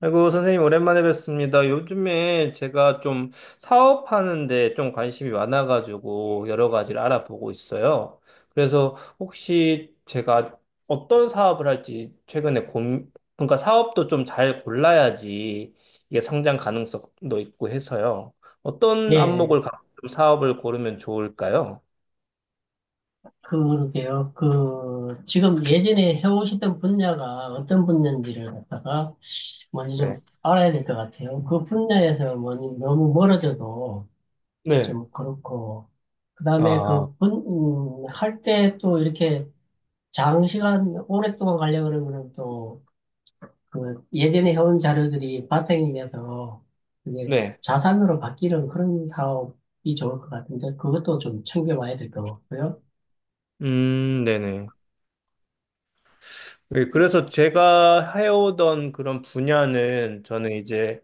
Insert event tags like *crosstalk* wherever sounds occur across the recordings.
아이고, 선생님, 오랜만에 뵙습니다. 요즘에 제가 좀 사업하는데 좀 관심이 많아가지고 여러 가지를 알아보고 있어요. 그래서 혹시 제가 어떤 사업을 할지 최근에 그러니까 사업도 좀 잘 골라야지 이게 성장 가능성도 있고 해서요. 어떤 예, 안목을 갖고 좀 사업을 고르면 좋을까요? 그러게요. 그, 지금 예전에 해오시던 분야가 어떤 분야인지를 갖다가 먼저 좀 네. 알아야 될 것 같아요. 그 분야에서 뭐 너무 멀어져도 네. 좀 그렇고, 그 다음에 아, 그 분, 할때 또 이렇게 장시간 오랫동안 가려고 그러면 또 그 예전에 해온 자료들이 바탕이 돼서 이게 네. 자산으로 바뀌는 그런 사업이 좋을 것 같은데 그것도 좀 챙겨봐야 될 것 같고요. 네네. 예, 그래서 제가 해오던 그런 분야는 저는 이제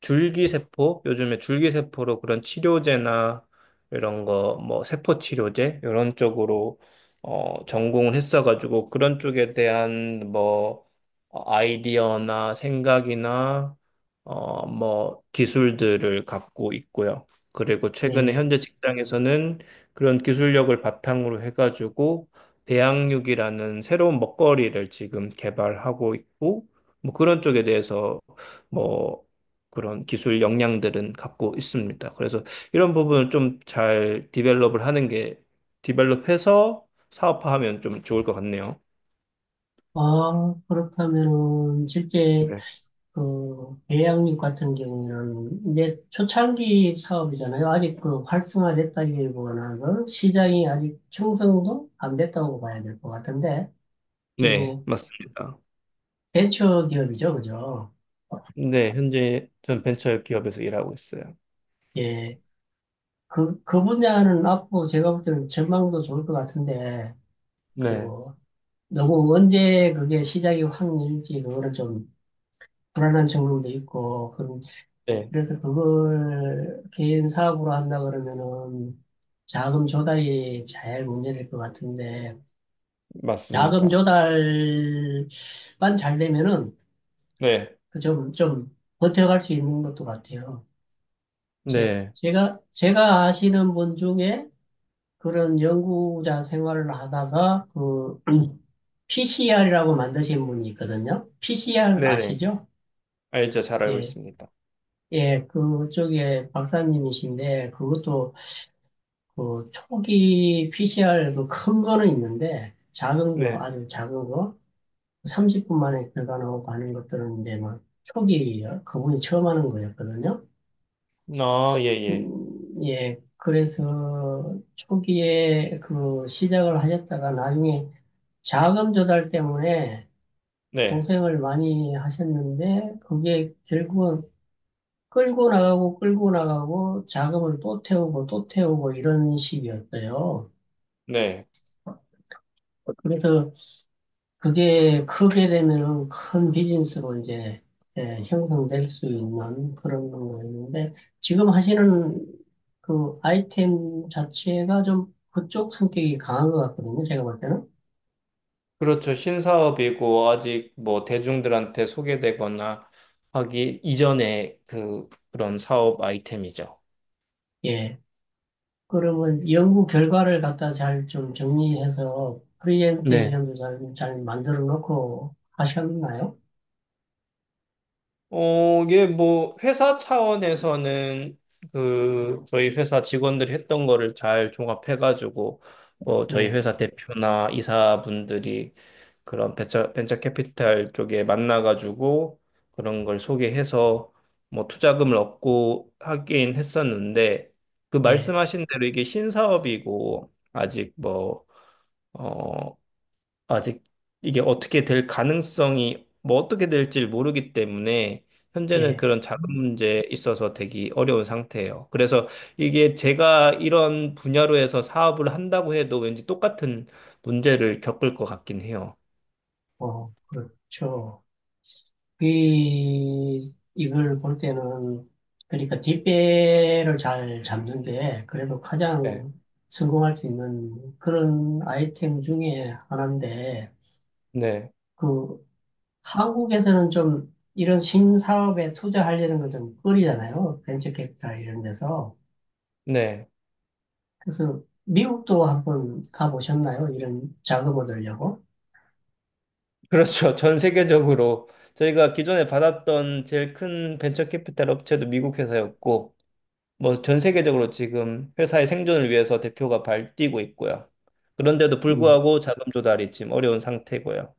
줄기세포, 요즘에 줄기세포로 그런 치료제나 이런 거, 뭐 세포치료제 이런 쪽으로 전공을 했어가지고 그런 쪽에 대한 뭐 아이디어나 생각이나 뭐 기술들을 갖고 있고요. 그리고 최근에 예. 현재 직장에서는 그런 기술력을 바탕으로 해가지고 배양육이라는 새로운 먹거리를 지금 개발하고 있고, 뭐 그런 쪽에 대해서 뭐 그런 기술 역량들은 갖고 있습니다. 그래서 이런 부분을 좀 잘 디벨롭을 하는 게, 디벨롭해서 사업화하면 좀 좋을 것 같네요. 아, 그렇다면은 실제 네. 그 대양육 같은 경우에는 이제 초창기 사업이잖아요. 아직 그 활성화됐다기보다는 그 시장이 아직 형성도 안 됐다고 봐야 될 것 같은데 네, 중에 맞습니다. 벤처 기업이죠, 그죠? 네, 현재 전 벤처 기업에서 일하고 있어요. 예, 그 분야는 앞으로 제가 볼 때는 전망도 좋을 것 같은데 그 네, 너무 언제 그게 시작이 확 열지 그거는 좀 불안한 측면도 있고 네, 그래서 그걸 개인 사업으로 한다 그러면은 자금 조달이 잘 문제될 것 같은데 자금 맞습니다. 조달만 잘 되면은 네, 그 좀 버텨갈 수 있는 것도 같아요. 제, 네, 제가, 제가 아시는 분 중에 그런 연구자 생활을 하다가 그 PCR이라고 만드신 분이 있거든요. PCR 네네. 아시죠? 알죠, 잘 알고 예, 있습니다. 예, 그쪽에 박사님이신데 그것도 그 초기 PCR 그 큰 거는 있는데 작은 거 네, 아주 작은 거 30분 만에 결과 나오고 하는 것들은 이제 막 초기 그분이 처음 하는 거였거든요. 아, 예, 예. 예, 그래서 초기에 그 시작을 하셨다가 나중에 자금 조달 때문에 네. 고생을 많이 하셨는데 그게 결국은 끌고 나가고 끌고 나가고 자금을 또 태우고 또 태우고 이런 식이었어요. 네. 그래서 그게 크게 되면은 큰 비즈니스로 이제 예, 형성될 수 있는 그런 거 있는데 지금 하시는 그 아이템 자체가 좀 그쪽 성격이 강한 것 같거든요. 제가 볼 때는. 그렇죠. 신사업이고 아직 뭐 대중들한테 소개되거나 하기 이전에 그 그런 사업 아이템이죠. 예. 그러면 연구 결과를 갖다 잘 좀 정리해서 네. 프리젠테이션도 잘 만들어 놓고 하셨나요? 이게 뭐 회사 차원에서는 그 저희 회사 직원들이 했던 거를 잘 종합해가지고 뭐 저희 예, 회사 대표나 이사분들이 그런 벤처 캐피탈 쪽에 만나가지고 그런 걸 소개해서 뭐 투자금을 얻고 하긴 했었는데 그 예, 말씀하신 대로 이게 신사업이고 아직 뭐어 아직 이게 어떻게 될 가능성이 뭐 어떻게 될지 모르기 때문에 현재는 예. 그런 자금 문제에 있어서 되게 어려운 상태예요. 그래서 이게 제가 이런 분야로 해서 사업을 한다고 해도 왠지 똑같은 문제를 겪을 것 같긴 해요. 어, 그렇죠. 이걸 볼 때는, 그러니까 뒷배를 잘 잡는데, 그래도 네, 가장 성공할 수 있는 그런 아이템 중에 하나인데, 네, 그, 한국에서는 좀 이런 신사업에 투자하려는 건좀 꺼리잖아요. 벤처 캐피탈 이런 데서. 네. 그래서 미국도 한번 가보셨나요? 이런 자금 얻으려고? *laughs* 그렇죠. 전 세계적으로 저희가 기존에 받았던 제일 큰 벤처 캐피탈 업체도 미국 회사였고 뭐 전 세계적으로 지금 회사의 생존을 위해서 대표가 발뛰고 있고요. 그런데도 음. 불구하고 자금 조달이 지금 어려운 상태고요.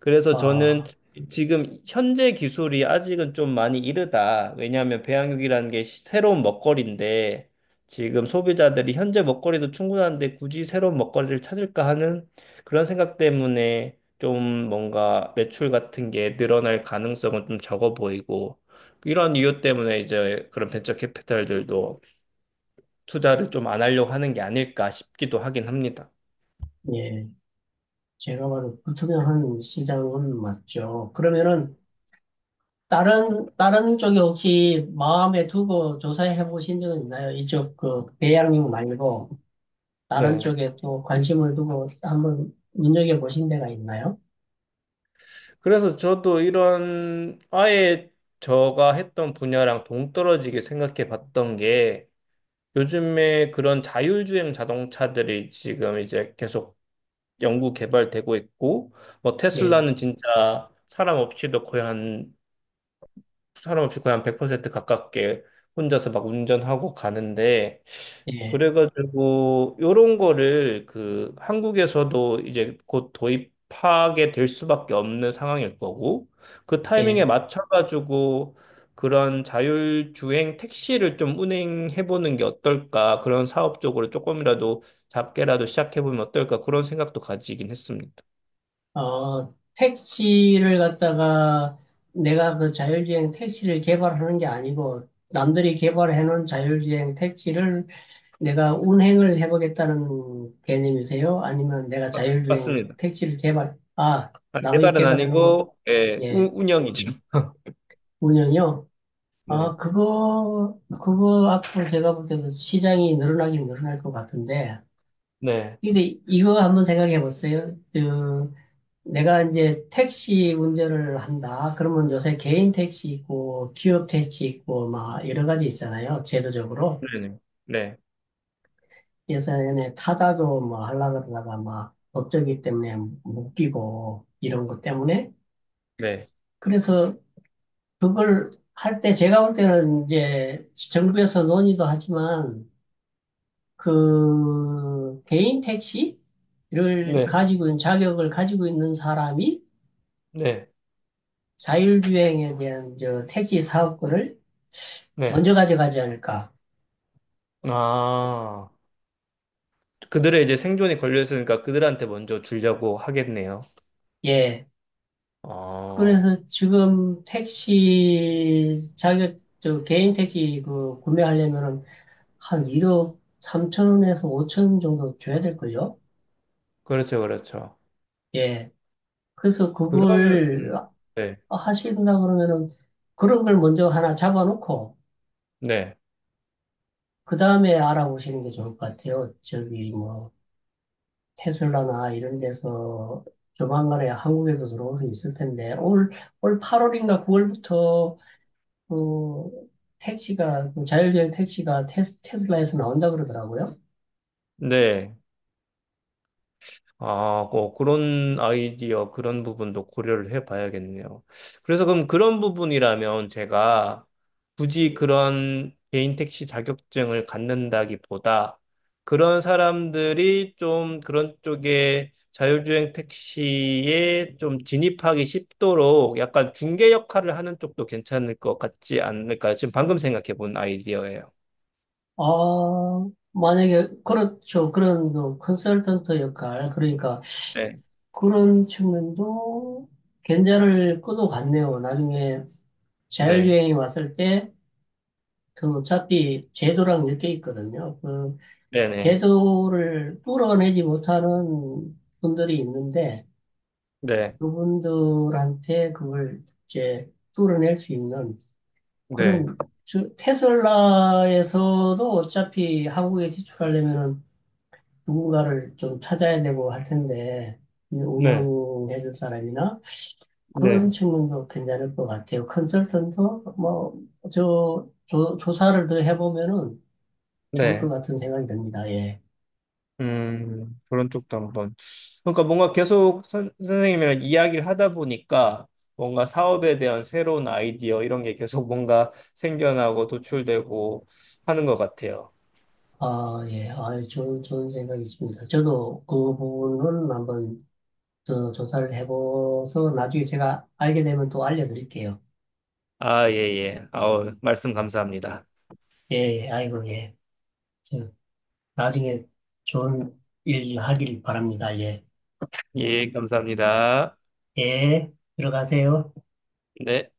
그래서 저는 아, 지금 현재 기술이 아직은 좀 많이 이르다. 왜냐하면 배양육이라는 게 새로운 먹거리인데 지금 소비자들이 현재 먹거리도 충분한데 굳이 새로운 먹거리를 찾을까 하는 그런 생각 때문에 좀 뭔가 매출 같은 게 늘어날 가능성은 좀 적어 보이고 이런 이유 때문에 이제 그런 벤처 캐피탈들도 투자를 좀 안 하려고 하는 게 아닐까 싶기도 하긴 합니다. 예. 제가 봐도 불투명한 시장은 맞죠. 그러면은, 다른 쪽에 혹시 마음에 두고 조사해 보신 적은 있나요? 이쪽 그 배양육 말고 다른 네. 쪽에 또 관심을 두고 한번 눈여겨 보신 데가 있나요? 그래서 저도 이런 아예 제가 했던 분야랑 동떨어지게 생각해 봤던 게 요즘에 그런 자율주행 자동차들이 지금 이제 계속 연구 개발되고 있고 뭐 예, 테슬라는 진짜 사람 없이도 거의 한 사람없이 거의 한100% 가깝게 혼자서 막 운전하고 가는데 예, 그래가지고 요런 거를 그 한국에서도 이제 곧 도입하게 될 수밖에 없는 상황일 거고 그 타이밍에 예. 맞춰가지고 그런 자율주행 택시를 좀 운행해보는 게 어떨까 그런 사업 쪽으로 조금이라도 작게라도 시작해보면 어떨까 그런 생각도 가지긴 했습니다. 어, 택시를 갖다가 내가 그 자율주행 택시를 개발하는 게 아니고 남들이 개발해 놓은 자율주행 택시를 내가 운행을 해보겠다는 개념이세요? 아니면 내가 자율주행 맞습니다. 택시를 개발, 아, 아, 남이 개발은 개발해 놓은 거, 아니고 예, 예. 운영이죠. 운영이요 네. 아, 그거 앞으로 제가 볼 때도 시장이 늘어나긴 늘어날 것 같은데. 네. 근데 이거 한번 생각해 보세요. 그, 내가 이제 택시 운전을 한다. 그러면 요새 개인 택시 있고, 기업 택시 있고, 막 여러 가지 있잖아요. 제도적으로. 네네. 네, 예전에 타다도 뭐 하려고 그러다가 막 법적이 때문에 못 끼고, 이런 것 때문에. 네, 그래서 그걸 할 때 제가 볼 때는 이제 정부에서 논의도 하지만, 그 개인 택시를 네, 가지고 있는 자격을 가지고 있는 사람이 네, 자율주행에 대한 저 택시 사업권을 네. 먼저 가져가지 않을까. 아, 그들의 이제 생존이 걸려 있으니까 그들한테 먼저 주려고 하겠네요. 예. 어, 그래서 지금 택시 자격 저 개인 택시 그 구매하려면은 한 1억 3천 원에서 5천 원 정도 줘야 될걸요. 그렇죠, 그렇죠. 예. 그래서 그러면, 그걸 음, 네, 하신다 그러면은 그런 걸 먼저 하나 잡아놓고 네, 그 다음에 알아보시는 게 좋을 것 같아요. 저기 뭐 테슬라나 이런 데서 조만간에 한국에도 들어올 수 있을 텐데 올, 올 8월인가 9월부터 그 택시가 그 자율주행 택시가 테슬라에서 나온다 그러더라고요. 네. 아, 뭐 그런 아이디어, 그런 부분도 고려를 해봐야겠네요. 그래서 그럼 그런 부분이라면 제가 굳이 그런 개인 택시 자격증을 갖는다기보다 그런 사람들이 좀 그런 쪽에 자율주행 택시에 좀 진입하기 쉽도록 약간 중개 역할을 하는 쪽도 괜찮을 것 같지 않을까? 지금 방금 생각해 본 아이디어예요. 아 만약에 그렇죠 그런 그 컨설턴트 역할 그러니까 네, 그런 측면도 견제를 끊어갔네요. 나중에 네, 자율주행이 왔을 때 그 어차피 제도랑 엮여 있거든요. 그 네, 네, 제도를 뚫어내지 못하는 분들이 있는데 네, 그분들한테 그걸 이제 뚫어낼 수 있는 네, 그런 즉 테슬라에서도 어차피 한국에 진출하려면 누군가를 좀 찾아야 되고 할 텐데 운영해줄 사람이나 네, 그런 측면도 괜찮을 것 같아요. 컨설턴트 뭐저 조사를 더 해보면은 좋을 것 네. 같은 생각이 듭니다. 예. 그런 쪽도 한번. 그러니까 뭔가 계속 선생님이랑 이야기를 하다 보니까 뭔가 사업에 대한 새로운 아이디어 이런 게 계속 *laughs* 뭔가 생겨나고 도출되고 하는 것 같아요. 아, 예, 아, 좋은 생각이 있습니다. 저도 그 부분은 한번 저 조사를 해봐서 나중에 제가 알게 되면 또 알려드릴게요. 아, 예, 예. 아우, 말씀 감사합니다. 예, 예, 아이고, 예. 저 나중에 좋은 일 하길 바랍니다. 예, 예, 감사합니다. 예, 들어가세요. 네.